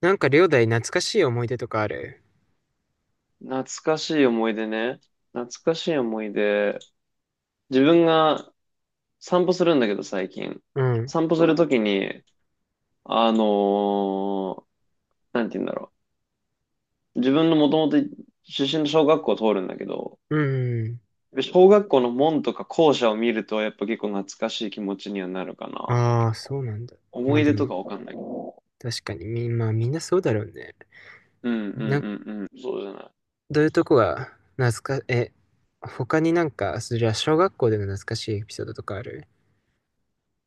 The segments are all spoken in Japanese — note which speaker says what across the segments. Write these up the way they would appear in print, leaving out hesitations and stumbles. Speaker 1: なんか、両大懐かしい思い出とかある？
Speaker 2: 懐かしい思い出ね。懐かしい思い出。自分が散歩するんだけど、最近。
Speaker 1: うん。
Speaker 2: 散歩するときに、あのーなんて言うんだろう。自分のもともと出身の小学校を通るんだけど、
Speaker 1: うんうん。
Speaker 2: 小学校の門とか校舎を見ると、やっぱ結構懐かしい気持ちにはなるかな。
Speaker 1: ああ、そうなんだ。
Speaker 2: 思
Speaker 1: まあ
Speaker 2: い
Speaker 1: で
Speaker 2: 出とか
Speaker 1: も、
Speaker 2: わかんない。
Speaker 1: 確かに、まあみんなそうだろうね。
Speaker 2: うんうんう
Speaker 1: な、
Speaker 2: んうん。そうじゃない。
Speaker 1: どういうとこが懐か、え、他になんか、そりゃ小学校での懐かしいエピソードとかある？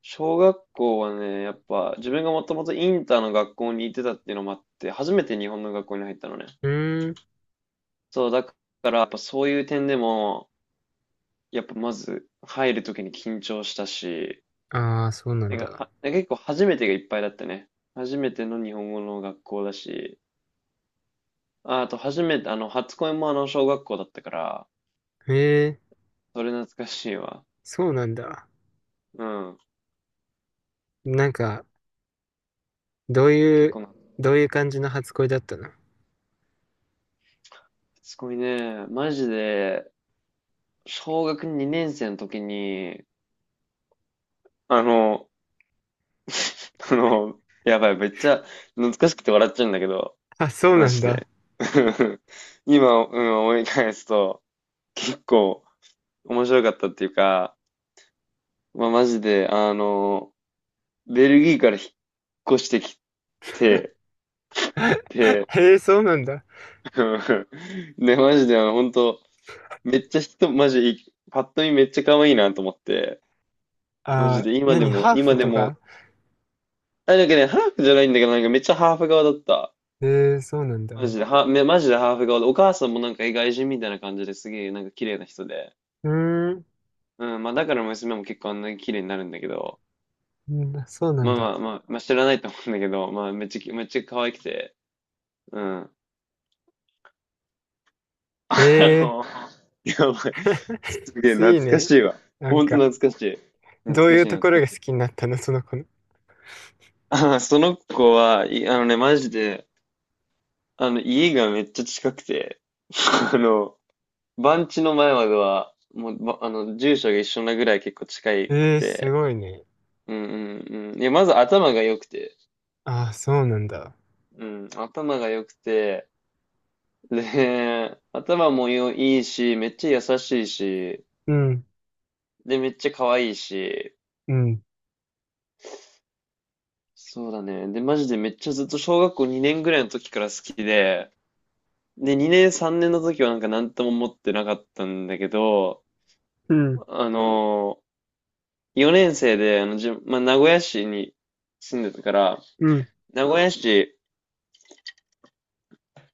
Speaker 2: 小学校はね、やっぱ自分がもともとインターの学校に行ってたっていうのもあって、初めて日本の学校に入ったのね。
Speaker 1: うーん。
Speaker 2: そう、だからやっぱそういう点でも、やっぱまず入るときに緊張したし、
Speaker 1: ああ、そうなん
Speaker 2: なんか
Speaker 1: だ。
Speaker 2: は、結構初めてがいっぱいだったね。初めての日本語の学校だし、あ、あと初めて、初恋もあの小学校だったから、
Speaker 1: へえ、
Speaker 2: それ懐かしいわ。
Speaker 1: そうなんだ。
Speaker 2: うん。
Speaker 1: なんか、どうい
Speaker 2: 結
Speaker 1: う、
Speaker 2: 構な、
Speaker 1: どういう感じの初恋だったの？
Speaker 2: 初恋ね、マジで、小学2年生の時に、あの、あの、やばい、めっちゃ懐かしくて笑っちゃうんだけど、
Speaker 1: あ、そう
Speaker 2: マ
Speaker 1: なん
Speaker 2: ジ
Speaker 1: だ。
Speaker 2: で。今、うん、思い返すと、結構面白かったっていうか、まあ、マジで、ベルギーから引っ越してきて、で、
Speaker 1: へえ、そうなんだ。
Speaker 2: で、マジで、本当めっちゃ人、マジい、パッと見めっちゃ可愛いなと思って、マジ
Speaker 1: ああ、
Speaker 2: で、
Speaker 1: 何ハー
Speaker 2: 今
Speaker 1: フ
Speaker 2: で
Speaker 1: と
Speaker 2: も、
Speaker 1: か？
Speaker 2: あ、なんかね、ハーフじゃないんだけど、なんかめっちゃハーフ側だった。
Speaker 1: へえ、そうなんだ。
Speaker 2: マジで、マジでハーフ顔で、お母さんもなんか外人みたいな感じですげえ、なんか綺麗な人で。
Speaker 1: うーん。
Speaker 2: うん、まあだから娘も結構あんなに綺麗になるんだけど、
Speaker 1: うん、そうなん
Speaker 2: まあま
Speaker 1: だ。
Speaker 2: あまあ、まあ、知らないと思うんだけど、まあめっちゃ、めっちゃ可愛くて、うん。あ
Speaker 1: ええ
Speaker 2: の、やばい。すげえ懐
Speaker 1: いい
Speaker 2: か
Speaker 1: ね。
Speaker 2: しいわ。
Speaker 1: なん
Speaker 2: ほんと
Speaker 1: か、
Speaker 2: 懐かしい。懐
Speaker 1: どう
Speaker 2: か
Speaker 1: い
Speaker 2: し
Speaker 1: う
Speaker 2: い
Speaker 1: ところ
Speaker 2: 懐
Speaker 1: が
Speaker 2: かし
Speaker 1: 好
Speaker 2: い。
Speaker 1: きになったの、その子の？
Speaker 2: その子は、あのね、マジで、家がめっちゃ近くて、あの、番地の前までは、もう、ばあの、住所が一緒なぐらい結構近く
Speaker 1: ええす
Speaker 2: て、
Speaker 1: ごいね。
Speaker 2: うんうんうん。いや、まず頭が良くて、
Speaker 1: ああ、そうなんだ。
Speaker 2: うん、頭が良くて、で、頭もいいし、めっちゃ優しいし、
Speaker 1: うん、
Speaker 2: で、めっちゃ可愛いし、
Speaker 1: うん、
Speaker 2: そうだね。で、マジでめっちゃずっと小学校2年ぐらいの時から好きで、で、2年3年の時はなんか何とも思ってなかったんだけど、
Speaker 1: うん、
Speaker 2: あの4年生で、まあ、名古屋市に住んでたから、
Speaker 1: うん。
Speaker 2: 名古屋市、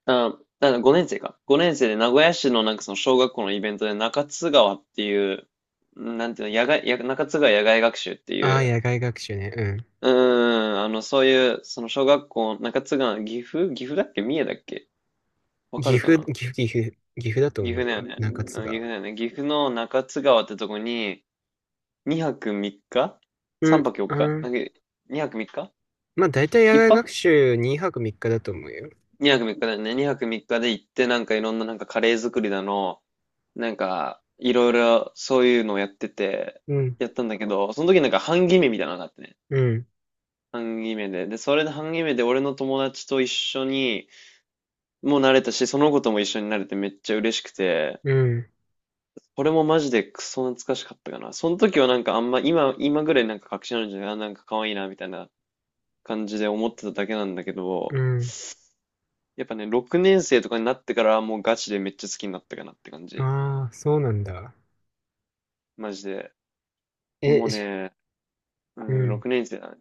Speaker 2: 5年生か。5年生で名古屋市のなんかその小学校のイベントで中津川っていう、なんていうの、野外、や中津川野外学習ってい
Speaker 1: ああ、
Speaker 2: う、
Speaker 1: 野外学習ね。うん。
Speaker 2: その小学校、中津川、岐阜だっけ三重だっけわか
Speaker 1: 岐
Speaker 2: るか
Speaker 1: 阜、
Speaker 2: な
Speaker 1: 岐阜、岐阜、岐阜だと思
Speaker 2: 岐
Speaker 1: う
Speaker 2: 阜だよ
Speaker 1: よ。
Speaker 2: ね。
Speaker 1: 中津
Speaker 2: うん、岐
Speaker 1: が、
Speaker 2: 阜だよね。岐阜の中津川ってとこに、2泊3日
Speaker 1: う
Speaker 2: ?3
Speaker 1: ん、
Speaker 2: 泊4
Speaker 1: あ
Speaker 2: 日な
Speaker 1: ー、
Speaker 2: んか、2泊3日
Speaker 1: まあ、大体野
Speaker 2: ?1
Speaker 1: 外学
Speaker 2: 泊
Speaker 1: 習2泊3日だと思うよ。
Speaker 2: ?2 泊3日だよね。2泊3日で行って、なんかいろんななんかカレー作りだの、なんか、いろいろそういうのをやってて、
Speaker 1: うん、
Speaker 2: やったんだけど、その時なんか半決めみたいなのがあってね。
Speaker 1: うん、
Speaker 2: 半決めで。で、それで半決めで俺の友達と一緒に、もう慣れたし、その子とも一緒になれてめっちゃ嬉しくて、
Speaker 1: うん、
Speaker 2: これもマジでクソ懐かしかったかな。その時はなんかあんま、今ぐらいなんか確信あるんじゃないあ、なんか可愛いな、みたいな感じで思ってただけなんだけど、
Speaker 1: うん。
Speaker 2: やっぱね、6年生とかになってからもうガチでめっちゃ好きになったかなって感じ。
Speaker 1: ああ、そうなんだ。
Speaker 2: マジで。もう
Speaker 1: え、じゃ
Speaker 2: ね、う
Speaker 1: う
Speaker 2: ん、
Speaker 1: ん。
Speaker 2: 6年生だね。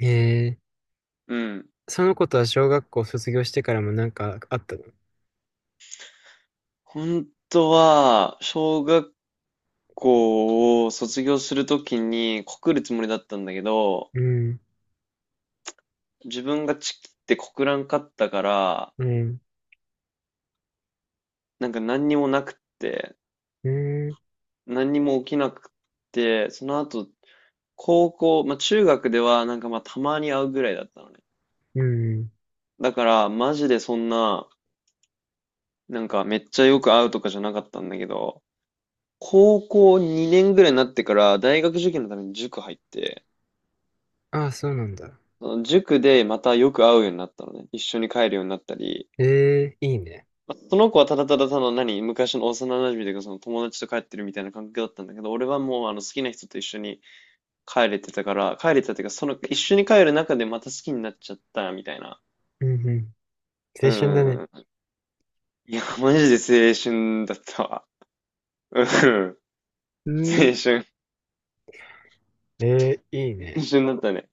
Speaker 1: え、
Speaker 2: うん。
Speaker 1: その子とは小学校卒業してからもなんかあったの？
Speaker 2: 本当は、小学校を卒業するときに告るつもりだったんだけど、
Speaker 1: うん、
Speaker 2: 自分がチキって告らんかったから、
Speaker 1: うん、
Speaker 2: なんか何にもなくって、
Speaker 1: うん、
Speaker 2: 何にも起きなくって、その後、まあ中学ではなんかまあたまに会うぐらいだったのね。
Speaker 1: うん。
Speaker 2: だから、マジでそんな、なんかめっちゃよく会うとかじゃなかったんだけど、高校2年ぐらいになってから大学受験のために塾入って、
Speaker 1: ああ、そうなんだ。
Speaker 2: その塾でまたよく会うようになったのね。一緒に帰るようになったり、
Speaker 1: ええ、いいね。
Speaker 2: まあその子はただただたの何、昔の幼馴染というかその友達と帰ってるみたいな感覚だったんだけど、俺はもうあの好きな人と一緒に帰れてたっていうか、その、一緒に帰る中でまた好きになっちゃった、みたいな。
Speaker 1: うん、うん。
Speaker 2: う
Speaker 1: 青春だ
Speaker 2: んう
Speaker 1: ね。
Speaker 2: んうん。いや、マジで青春だったわ。うん。
Speaker 1: う
Speaker 2: 青
Speaker 1: ん、
Speaker 2: 春。
Speaker 1: ええ、いい
Speaker 2: 青
Speaker 1: ね。
Speaker 2: 春だったね。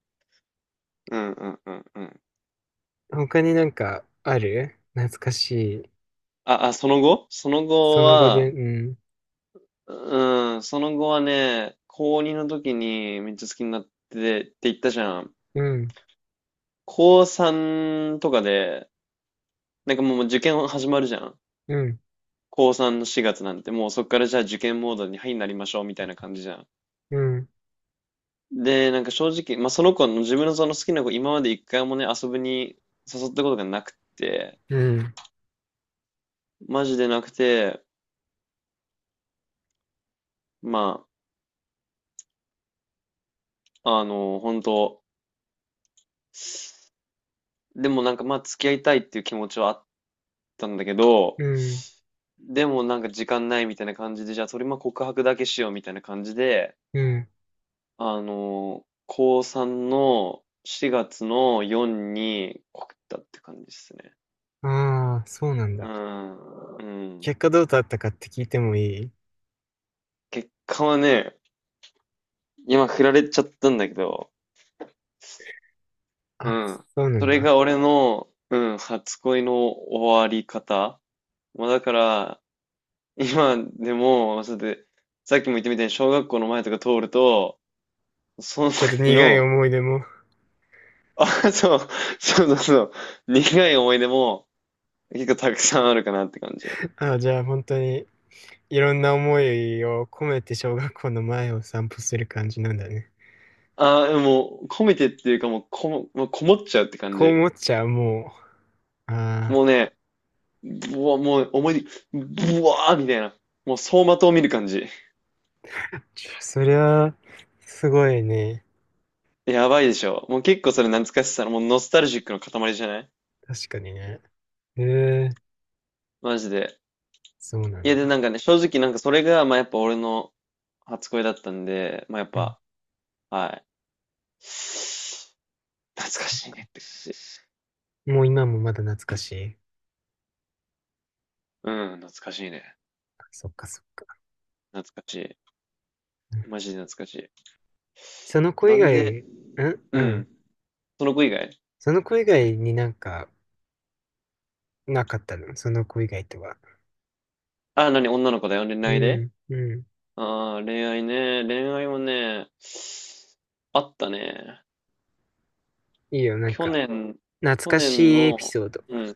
Speaker 2: うんうんうんうん。
Speaker 1: 他になんかある懐かしい？
Speaker 2: その
Speaker 1: そ
Speaker 2: 後
Speaker 1: の後
Speaker 2: は、
Speaker 1: で、うん、
Speaker 2: うん、その後はね、高2の時にめっちゃ好きになってって言ったじゃん。
Speaker 1: うん、
Speaker 2: 高3とかで、なんかもう受験始まるじゃん。
Speaker 1: うん、
Speaker 2: 高3の4月なんて、もうそっからじゃあ受験モードに、はい、なりましょうみたいな感じじゃん。
Speaker 1: うん、
Speaker 2: で、なんか正直、まあ、その子の自分のその好きな子、今まで一回もね、遊びに誘ったことがなくて、
Speaker 1: うん、
Speaker 2: マジでなくて、まあ、本当でもなんかまあ、付き合いたいっていう気持ちはあったんだけど、
Speaker 1: うん、
Speaker 2: でもなんか時間ないみたいな感じで、じゃあそれまあ告白だけしようみたいな感じで、
Speaker 1: うん。
Speaker 2: 高3の4月の4に告ったって感じですね。
Speaker 1: ああ、そうなん
Speaker 2: う
Speaker 1: だ。
Speaker 2: ん、うん。
Speaker 1: 結果どうだったかって聞いてもいい？
Speaker 2: 結果はね、今振られちゃったんだけど、う
Speaker 1: あ、
Speaker 2: ん。
Speaker 1: そうな
Speaker 2: そ
Speaker 1: ん
Speaker 2: れが
Speaker 1: だ。
Speaker 2: 俺の、うん、初恋の終わり方。まあ、だから、今でも、そうやって、さっきも言ったみたいに小学校の前とか通ると、その
Speaker 1: ちょっと
Speaker 2: 時
Speaker 1: 苦い
Speaker 2: の、
Speaker 1: 思い出も。
Speaker 2: あ、そう、そうそうそう、苦い思い出も結構たくさんあるかなって感じ。
Speaker 1: ああ、じゃあ本当にいろんな思いを込めて小学校の前を散歩する感じなんだね。
Speaker 2: あ、もう込めてっていうかもうこもっちゃうって感
Speaker 1: こう
Speaker 2: じ。
Speaker 1: 思っちゃう、もう。あ
Speaker 2: もうね、ぶわ、もう思い出、ぶわーみたいな。もう走馬灯を見る感じ。
Speaker 1: あ、そりゃ、すごいね。
Speaker 2: やばいでしょ。もう結構それ懐かしさの、もうノスタルジックの塊じゃない
Speaker 1: 確かにね。へえ、
Speaker 2: マジで。
Speaker 1: そうな
Speaker 2: い
Speaker 1: ん
Speaker 2: や、で、
Speaker 1: だ。
Speaker 2: なんかね、正直なんかそれが、まあやっぱ俺の初恋だったんで、まあやっ
Speaker 1: うん、
Speaker 2: ぱ、はい。懐かしい
Speaker 1: そ
Speaker 2: ねって感じです。
Speaker 1: う、もう今もまだ懐かしい？
Speaker 2: うん、懐かしいね。
Speaker 1: そっかそっか。
Speaker 2: 懐かし
Speaker 1: うん、
Speaker 2: い。マジで懐かしい。
Speaker 1: その子以
Speaker 2: なんで、
Speaker 1: 外、うん
Speaker 2: う
Speaker 1: うん。
Speaker 2: ん。その子以外
Speaker 1: その子以外になんか、なかったのその子以外とは？
Speaker 2: あ、何女の子だよ。恋
Speaker 1: う
Speaker 2: 愛で
Speaker 1: ん、うん。
Speaker 2: 恋愛ね。恋愛はね、あったね。
Speaker 1: いいよ、なん
Speaker 2: 去
Speaker 1: か、
Speaker 2: 年、
Speaker 1: 懐
Speaker 2: 去
Speaker 1: かし
Speaker 2: 年
Speaker 1: いエ
Speaker 2: の、
Speaker 1: ピソード。
Speaker 2: うん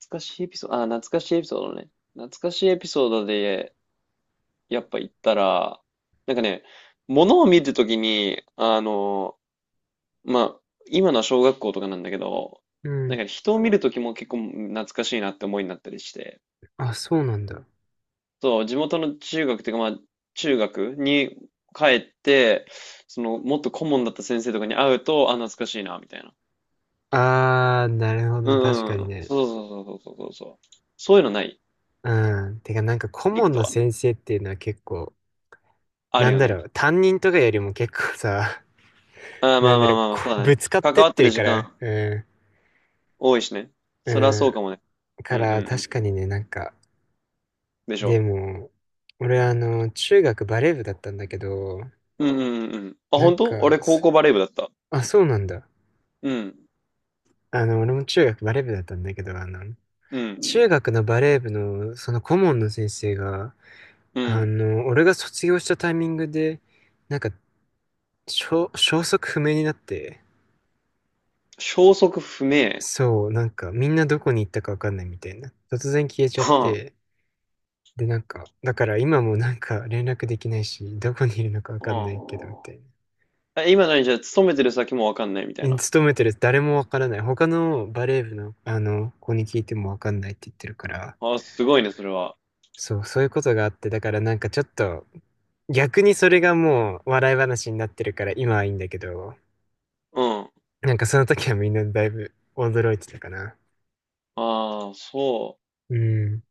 Speaker 2: 懐かしいエピソード、あ、懐かしいエピソードね。懐かしいエピソードで、やっぱ言ったら、なんかね、物を見るときに、まあ、今のは小学校とかなんだけど、
Speaker 1: う
Speaker 2: なん
Speaker 1: ん。
Speaker 2: かね人を見るときも結構懐かしいなって思いになったりして、
Speaker 1: あ、そうなんだ。
Speaker 2: そう、地元の中学っていうか、まあ、中学に帰って、その、もっと顧問だった先生とかに会うと、あ、懐かしいな、みたいな。
Speaker 1: あー、なるほ
Speaker 2: う
Speaker 1: ど。確
Speaker 2: んう
Speaker 1: かに
Speaker 2: ん。
Speaker 1: ね。
Speaker 2: そうそうそうそうそうそう。そういうのない
Speaker 1: うん。てか、なんか顧
Speaker 2: リク
Speaker 1: 問
Speaker 2: ト
Speaker 1: の
Speaker 2: は。
Speaker 1: 先生っていうのは結構、
Speaker 2: あ
Speaker 1: な
Speaker 2: る
Speaker 1: ん
Speaker 2: よ
Speaker 1: だ
Speaker 2: ね。
Speaker 1: ろう、担任とかよりも結構さ、
Speaker 2: あ あ、ま
Speaker 1: な
Speaker 2: あ
Speaker 1: んだ
Speaker 2: まあ
Speaker 1: ろう、
Speaker 2: まあまあ、
Speaker 1: こ
Speaker 2: そう
Speaker 1: う
Speaker 2: だ
Speaker 1: ぶ
Speaker 2: ね。
Speaker 1: つかっ
Speaker 2: 関
Speaker 1: てっ
Speaker 2: わって
Speaker 1: て
Speaker 2: る
Speaker 1: る
Speaker 2: 時
Speaker 1: から、
Speaker 2: 間
Speaker 1: う
Speaker 2: 多いしね。
Speaker 1: ん、
Speaker 2: それはそう
Speaker 1: う
Speaker 2: かもね。
Speaker 1: ん。
Speaker 2: う
Speaker 1: か
Speaker 2: んうんうん
Speaker 1: ら、
Speaker 2: うん。
Speaker 1: 確かにね、なんか、
Speaker 2: でし
Speaker 1: で
Speaker 2: ょ
Speaker 1: も、俺あの、中学バレー部だったんだけど、
Speaker 2: うんうんうんうん。あ、
Speaker 1: なん
Speaker 2: 本当俺
Speaker 1: か、
Speaker 2: 高
Speaker 1: そ
Speaker 2: 校バレー部だった。
Speaker 1: あ、そうなんだ。
Speaker 2: うん、
Speaker 1: あの、俺も中学バレー部だったんだけど、あの、
Speaker 2: うん、
Speaker 1: 中学のバレー部の、その顧問の先生が、
Speaker 2: う
Speaker 1: あ
Speaker 2: ん。
Speaker 1: の、俺が卒業したタイミングで、なんか消息不明になって、
Speaker 2: 消息不明。
Speaker 1: そう、なんかみんなどこに行ったかわかんないみたいな。突然消えちゃっ
Speaker 2: は
Speaker 1: て、で、なんか、だから今もなんか連絡できないし、どこにいるのかわかんないけど、み
Speaker 2: は
Speaker 1: たい
Speaker 2: あ。え、今何じゃあ勤めてる先もわかんないみたい
Speaker 1: な。
Speaker 2: な。
Speaker 1: 勤めてる誰もわからない。他のバレー部の、あの、子に聞いてもわかんないって言ってるから、
Speaker 2: あ、すごいね、それは。
Speaker 1: そう、そういうことがあって、だからなんかちょっと、逆にそれがもう笑い話になってるから今はいいんだけど、
Speaker 2: うん。
Speaker 1: なんかその時はみんなだいぶ驚いてたかな。
Speaker 2: ああ、そう。
Speaker 1: うん。